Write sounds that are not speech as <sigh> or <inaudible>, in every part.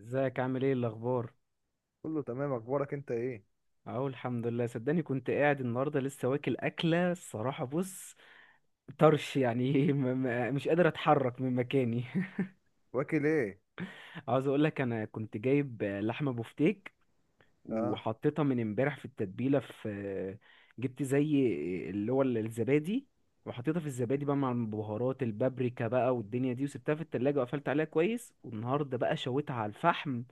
ازيك، عامل ايه الاخبار؟ كله تمام، اخبارك انت ايه؟ اهو الحمد لله. صدقني كنت قاعد النهارده لسه واكل اكله. الصراحه بص، طرش يعني. <laughs> مش قادر اتحرك من مكاني. واكل ايه؟ <laughs> عاوز اقول لك، انا كنت جايب لحمه بفتيك، اه، وحطيتها من امبارح في التتبيله، جبت زي اللي هو الزبادي، وحطيتها في الزبادي بقى مع البهارات، البابريكا بقى والدنيا دي، وسبتها في التلاجة وقفلت عليها كويس. والنهارده بقى شويتها على الفحم.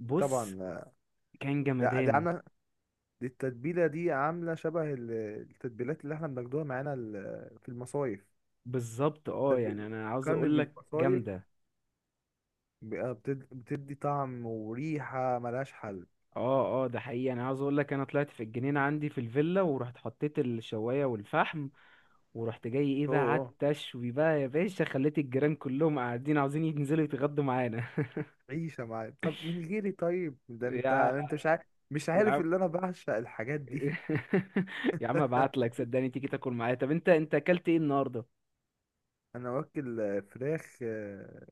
بص طبعا. كان لا دي جمدان. عامله. دي التتبيله عامله شبه التتبيلات اللي احنا بناخدوها معانا في المصايف. بالظبط، اه، طب يعني انا عاوز بتفكرني اقول لك بالمصايف. جامده. بقى بتدي طعم وريحه ملهاش حل. اه، اه، ده حقيقي. انا عاوز اقول لك، انا طلعت في الجنينه عندي في الفيلا ورحت حطيت الشوايه والفحم، ورحت جاي ايه بقى، اوه، قعدت اشوي بقى يا باشا، خليت الجيران كلهم قاعدين عاوزين ينزلوا يتغدوا معانا. <laughs> عيشه معايا طب من غيري؟ طيب ده انت، يا مش عارف، مش يا عارف عم، اللي انا بعشق الحاجات دي. <laughs> يا عم، ابعت <laughs> لك صدقني تيجي تاكل معايا. طب انت اكلت ايه النهارده؟ انا واكل فراخ،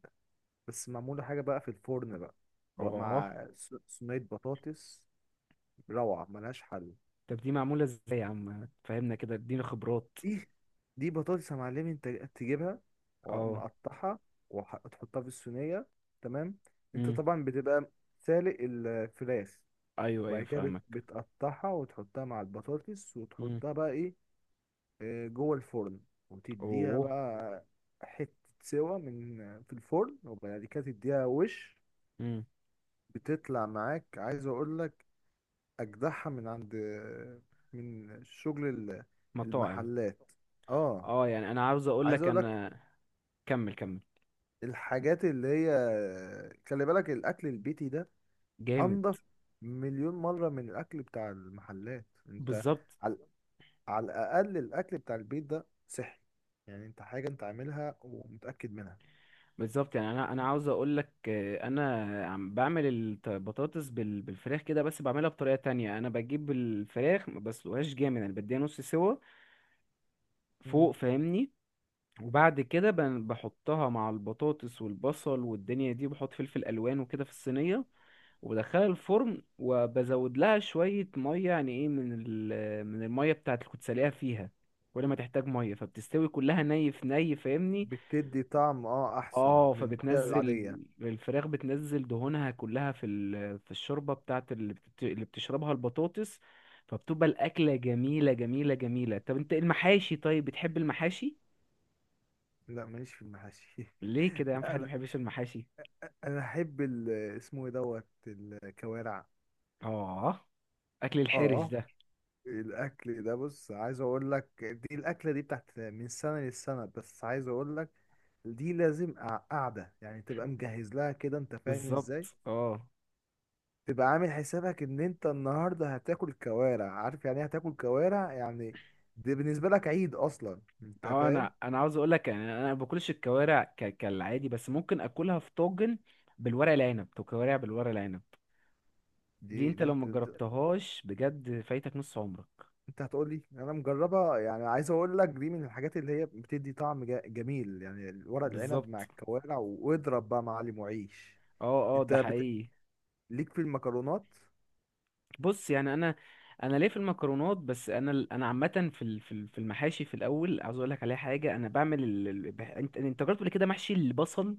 بس معموله حاجه بقى في الفرن بقى، بقى اه. مع صينيه بطاطس. روعة ملهاش حل. طب دي معموله ازاي يا عم؟ فهمنا كده، اديني خبرات. دي دي بطاطس يا معلمي، انت تجيبها اه. ومقطعها وتحطها في الصينية، تمام. انت امم. طبعا بتبقى سالق الفراخ، ايوه، وبعد ايوه كده فاهمك. بتقطعها وتحطها مع البطاطس امم. وتحطها بقى ايه؟ جوه الفرن، وتديها اوه. بقى حتة سوا من، في الفرن، وبعد كده تديها وش، امم. بتطلع معاك. عايز اقول لك اجدعها من عند، من شغل مطاعم. المحلات. اه، اه، يعني انا عاوز اقول عايز لك اقول لك انا. كمل كمل. الحاجات اللي هي، خلي بالك الاكل البيتي ده جامد. انضف مليون مره من الاكل بتاع المحلات. انت بالظبط، على، على الاقل الاكل بتاع البيت ده صحي، يعني انت حاجه انت عاملها ومتاكد منها. بالظبط. يعني انا عاوز اقول لك، انا عم بعمل البطاطس بالفراخ كده، بس بعملها بطريقه تانية. انا بجيب الفراخ ما بسلقهاش جامد، انا بديها نص سوا فوق مم. فاهمني. وبعد كده بحطها مع البطاطس والبصل والدنيا دي، بحط فلفل الوان وكده في الصينيه، وبدخلها الفرن وبزود لها شوية مية، يعني ايه، من من المية بتاعت اللي كنت سالقها فيها. كل ما تحتاج مية فبتستوي كلها ني في ني، فاهمني. بتدي طعم اه، احسن اه، من الميه فبتنزل العاديه. الفراخ، بتنزل دهونها كلها في في الشوربة بتاعت اللي بتشربها البطاطس، فبتبقى الأكلة جميلة جميلة جميلة. طب انت المحاشي، طيب بتحب المحاشي؟ لا، ماليش في المحاشي. ليه كده <laughs> يعني؟ في لا حد ما انا، بيحبش المحاشي؟ انا احب اسمه ايه دوت، الكوارع. اه. أكل الحرش اه، ده. الاكل ده بص، عايز اقول لك دي الاكله دي بتاعت من سنه للسنه، بس عايز اقول لك دي لازم قعده، يعني تبقى مجهز لها كده، انت فاهم ازاي، بالظبط. اه، تبقى عامل حسابك ان انت النهارده هتاكل كوارع. عارف يعني ايه هتاكل كوارع يعني؟ دي بالنسبه لك عيد اصلا، انت اه، فاهم. انا عاوز اقول لك، يعني انا ما باكلش الكوارع كالعادي، بس ممكن اكلها في طاجن بالورق العنب، تو كوارع بالورق العنب. دي دي انت دي لو ما جربتهاش بجد فايتك نص عمرك. انت هتقول لي انا مجربها؟ يعني عايز اقول لك دي من الحاجات اللي هي بتدي طعم جميل، يعني ورق العنب مع بالظبط، الكوارع، واضرب بقى معلم وعيش. اه، اه، انت ده بت... حقيقي. ليك في المكرونات؟ بص، يعني انا ليه في المكرونات. بس انا عامه في في المحاشي في الاول، عاوز اقول لك عليها حاجه. انا بعمل انت جربت قبل كده محشي البصل؟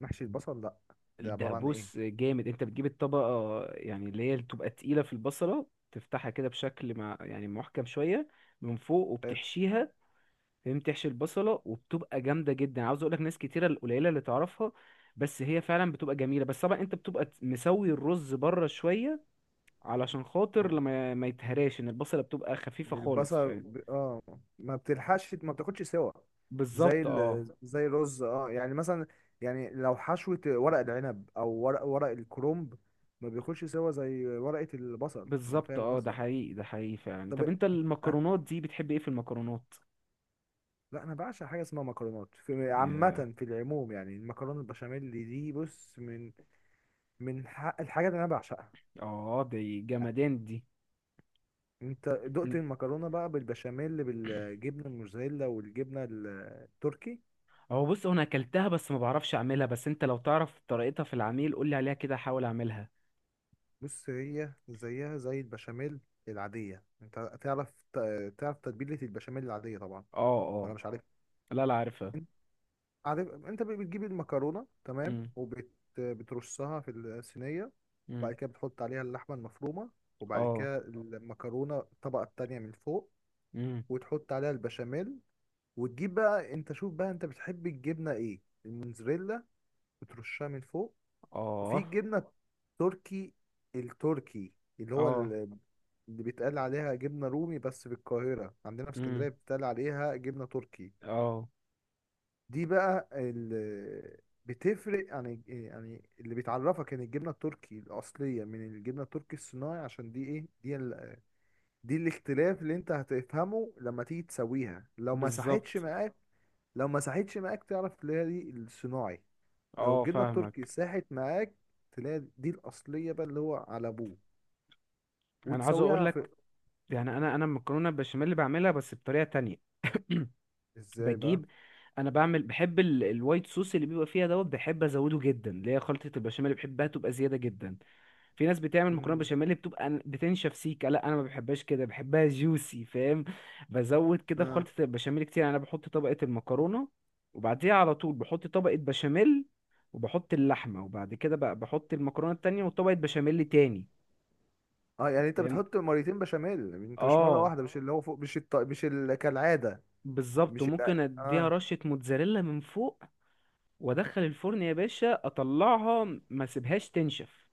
محشي البصل لا، ده ده عبارة عن ايه؟ بص جامد. انت بتجيب الطبقة يعني، اللي هي بتبقى تقيلة في البصلة، تفتحها كده بشكل مع يعني محكم شوية من فوق حلو. وبتحشيها، فاهم؟ تحشي البصلة وبتبقى جامدة جدا. عاوز اقولك ناس كتيرة، القليلة اللي تعرفها، بس هي فعلا بتبقى جميلة. بس طبعا انت بتبقى مسوي الرز بره شوية، علشان خاطر آه. لما ما يتهراش، ان البصلة بتبقى خفيفة خالص، البصل فاهم؟ ب... اه، ما بتلحقش، ما بتاخدش سوا زي بالظبط، اه. ال...، زي الرز، اه يعني مثلا، يعني لو حشوة ورق العنب او ورق، ورق الكرنب ما بياخدش سوا زي ورقة البصل. انا بالظبط، فاهم اه، ده قصدك. حقيقي، ده حقيقي فعلا. طب، طب انت أك- المكرونات دي بتحب ايه في المكرونات؟ لا انا بعشق حاجة اسمها مكرونات في عامة، في العموم، يعني المكرونة البشاميل دي بص من، من الحاجات اللي انا بعشقها. اه، دي جمدان دي. انت م. دقت المكرونه بقى بالبشاميل، بالجبنه الموزاريلا والجبنه التركي؟ هو بص، هو انا اكلتها بس ما بعرفش اعملها. بس انت لو تعرف طريقتها في العميل قول لي عليها كده، احاول اعملها. بص هي زيها زي البشاميل العاديه. انت تعرف تعرف تتبيله البشاميل العاديه طبعا اه، اه. ولا مش عارف؟ لا، لا عارفها. انت عارف انت بتجيب المكرونه، تمام، امم. وبترصها في الصينيه، وبعد امم. كده بتحط عليها اللحمه المفرومه، وبعد اه. كده المكرونه الطبقه التانية من فوق، امم. وتحط عليها البشاميل، وتجيب بقى انت، شوف بقى انت بتحب الجبنه ايه. الموزاريلا بترشها من فوق، وفي اه، الجبنه التركي التركي اللي هو اه. اللي بيتقال عليها جبنه رومي، بس في القاهره، عندنا في امم. اسكندريه بيتقال عليها جبنه تركي. اه، دي بقى اللي بتفرق، يعني اللي بيتعرفك ان الجبنه التركي الاصليه من الجبنه التركي الصناعي، عشان دي ايه، دي ال...، دي الاختلاف اللي انت هتفهمه لما تيجي تسويها. لو ما صحتش بالظبط، معاك، لو ما صحتش معاك تعرف اللي هي دي الصناعي. لو اه الجبنه التركي فاهمك. ساحت معاك تلاقي دي الاصليه بقى، اللي هو على ابوه. انا عاوز اقول وتسويها في. لك، يعني انا المكرونه البشاميل اللي بعملها بس بطريقه تانية. <clears throat> ازاي بقى؟ بجيب، انا بعمل، بحب الوايت صوص اللي بيبقى فيها دوت، بحب ازوده جدا، اللي هي خلطه البشاميل اللي بحبها تبقى زياده جدا. في ناس بتعمل مكرونه مم. بشاميل بتبقى بتنشف سيكه، لا انا ما بحبهاش كده، بحبها جوسي فاهم. بزود كده في اه، خلطه البشاميل كتير، يعني انا بحط طبقه المكرونه، وبعديها على طول بحط طبقه بشاميل، وبحط اللحمه، وبعد كده بقى بحط المكرونه التانية وطبقه بشاميل تاني، اه يعني انت فاهم؟ بتحط مرتين بشاميل انت، مش مره اه، واحده، مش اللي هو فوق، مش الط...، مش ال... كالعاده، بالظبط، مش ال... وممكن اديها اه. رشه موتزاريلا من فوق وادخل الفرن يا باشا، اطلعها ما اسيبهاش تنشف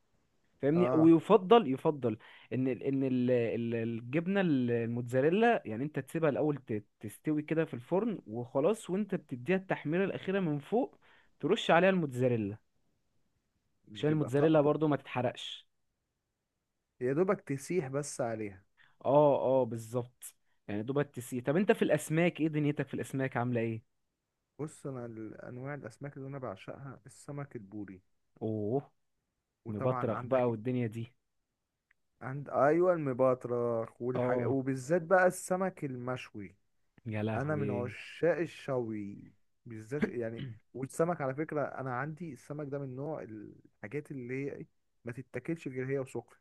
فاهمني. اه، ويفضل يفضل ان الجبنه الموتزاريلا، يعني انت تسيبها الاول تستوي كده في الفرن وخلاص، وانت بتديها التحميره الاخيره من فوق، ترش عليها الموتزاريلا عشان بتبقى الموتزاريلا طقطق. برضو ما تتحرقش. يا دوبك تسيح بس عليها. اه، اه، بالظبط، يعني دوبك تسيب. طب انت في الاسماك ايه؟ دنيتك في الاسماك عامله ايه؟ بص، انا انواع الاسماك اللي انا بعشقها السمك البوري، اوه. وطبعا مبطرخ بقى عندك. والدنيا دي. عند، ايوه، المبطرخ والحاجه، اه، وبالذات بقى السمك المشوي. يا انا من لهوي. عشاق الشوي بالذات يعني. <clears throat> والسمك على فكره، انا عندي السمك ده من نوع الحاجات اللي هي ما تتاكلش غير هي وسخن.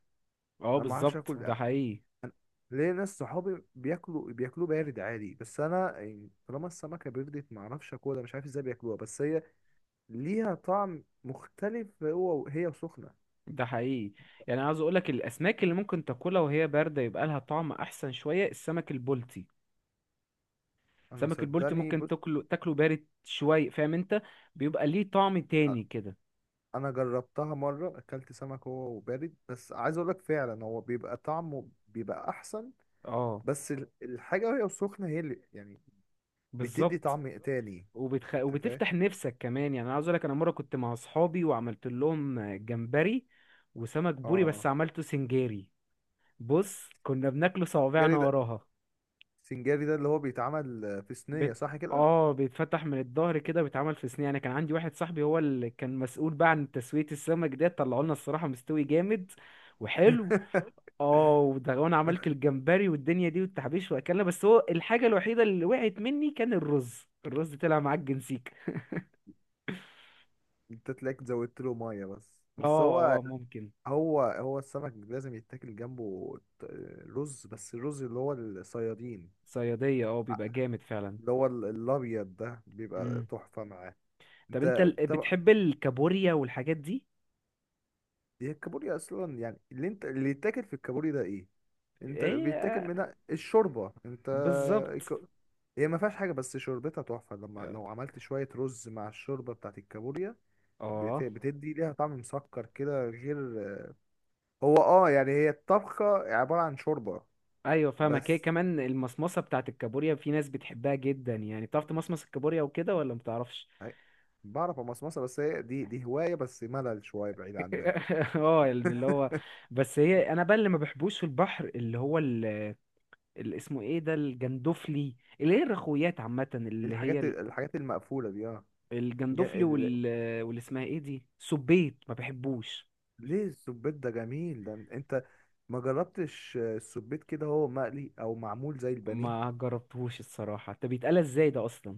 اه، انا ما اعرفش بالظبط، اكل، ده حقيقي، ليه ناس صحابي بياكلوا، بياكلوه بارد عادي، بس انا يعني طالما السمكه بردت ما اعرفش اكلها. مش عارف ازاي بياكلوها، بس هي ليها طعم مختلف هو هي وسخنه. ده حقيقي. يعني عاوز اقولك الاسماك اللي ممكن تاكلها وهي بارده يبقى لها طعم احسن شويه، السمك البلطي. انا السمك البلطي صدقني ممكن بص، تاكله بارد شويه، فاهم انت؟ بيبقى ليه طعم أ- تاني كده. انا جربتها مره، اكلت سمك هو وبارد، بس عايز اقول لك فعلا هو بيبقى طعمه بيبقى احسن، اه، بس الحاجة وهي سخنة هي اللي يعني بتدي بالظبط. طعم تاني. انت فاهم؟ وبتفتح نفسك كمان. يعني انا عاوز اقولك، انا مره كنت مع اصحابي وعملت لهم جمبري وسمك بوري، بس اه. عملته سنجاري، بص كنا بناكله صوابعنا سنجاري ده، وراها. سنجاري ده اللي هو بيتعمل في صينية بت... صح كده؟ اه، بيتفتح من الظهر كده، بيتعمل في صينية يعني. كان عندي واحد صاحبي هو اللي كان مسؤول بقى عن تسوية السمك ده، طلعوا لنا الصراحة مستوي جامد وحلو. <laughs> اه، وده، وانا عملت الجمبري والدنيا دي والتحبيش واكلنا. بس هو الحاجة الوحيدة اللي وقعت مني كان الرز. الرز طلع معجن سيك. انت تلاقيك زودت له مية، بس اه، بس هو، اه، ممكن. هو السمك لازم يتاكل جنبه رز، بس الرز اللي هو الصيادين. صيادية، اه، ع- بيبقى جامد فعلا. اللي هو الابيض ده بيبقى مم. تحفة معاه. طب انت انت طب. بتحب الكابوريا والحاجات دي؟ هي الكابوريا اصلا يعني اللي انت، اللي يتاكل في الكابوريا ده ايه؟ انت ايه، بيتاكل آه، منها الشوربه انت. بالظبط، الك- هي ما فيهاش حاجه، بس شوربتها تحفه لما اه، لو عملت شويه رز مع الشوربه بتاعت الكابوريا. آه. بتدي ليها طعم مسكر كده، غير هو، اه يعني هي الطبخه عباره عن شوربه، ايوه. ايوه فاهمك. هي بس كمان المصمصه بتاعت الكابوريا في ناس بتحبها جدا، يعني بتعرف تمصمص الكابوريا وكده ولا ما بتعرفش؟ هي- بعرف امصمصه، بس هي دي هوايه، بس ملل شويه بعيد عنك. <laughs> اه، يعني اللي <laughs> هو. اه، بس هي انا بقى اللي ما بحبوش في البحر، اللي هو اللي اسمه ايه ده، الجندفلي، اللي هي الرخويات عامه، اللي هي الحاجات، الحاجات المقفوله دي، اه. جا- الجندفلي ال... واللي اسمها ايه دي، سبيط، ما بحبوش. ليه؟ السبيت ده جميل، ده انت ما جربتش السبيت كده هو مقلي او معمول زي البانيه؟ ما جربتهوش الصراحه. طب بيتقال ازاي ده اصلا؟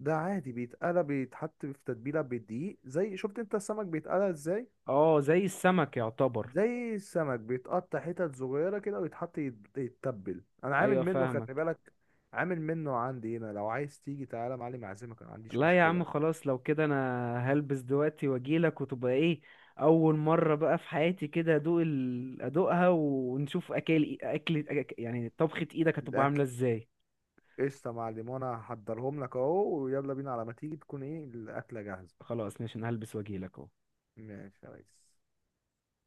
ده عادي، بيتقلى، بيتحط في تتبيلة بالدقيق، زي شفت انت السمك بيتقلى ازاي، اه، زي السمك يعتبر. زي السمك بيتقطع حتت صغيرة كده ويتحط، يتبل. انا عامل ايوه منه، خلي فاهمك. بالك، عامل منه عندي هنا، لو عايز تيجي تعالى يا معلم اعزمك، انا ما عنديش لا يا عم مشكلة. خلاص، لو كده انا هلبس دلوقتي واجيلك، وتبقى ايه، اول مره بقى في حياتي كده ادوق ادوقها، ونشوف اكل، اكل، يعني طبخه ايدك هتبقى عامله الاكل ازاي. قشطة يا معلم، وانا هحضرهم لك اهو، ويلا بينا، على ما تيجي تكون ايه الاكلة جاهزة. خلاص ماشي، انا هلبس واجيلك اهو. ماشي يا ريس.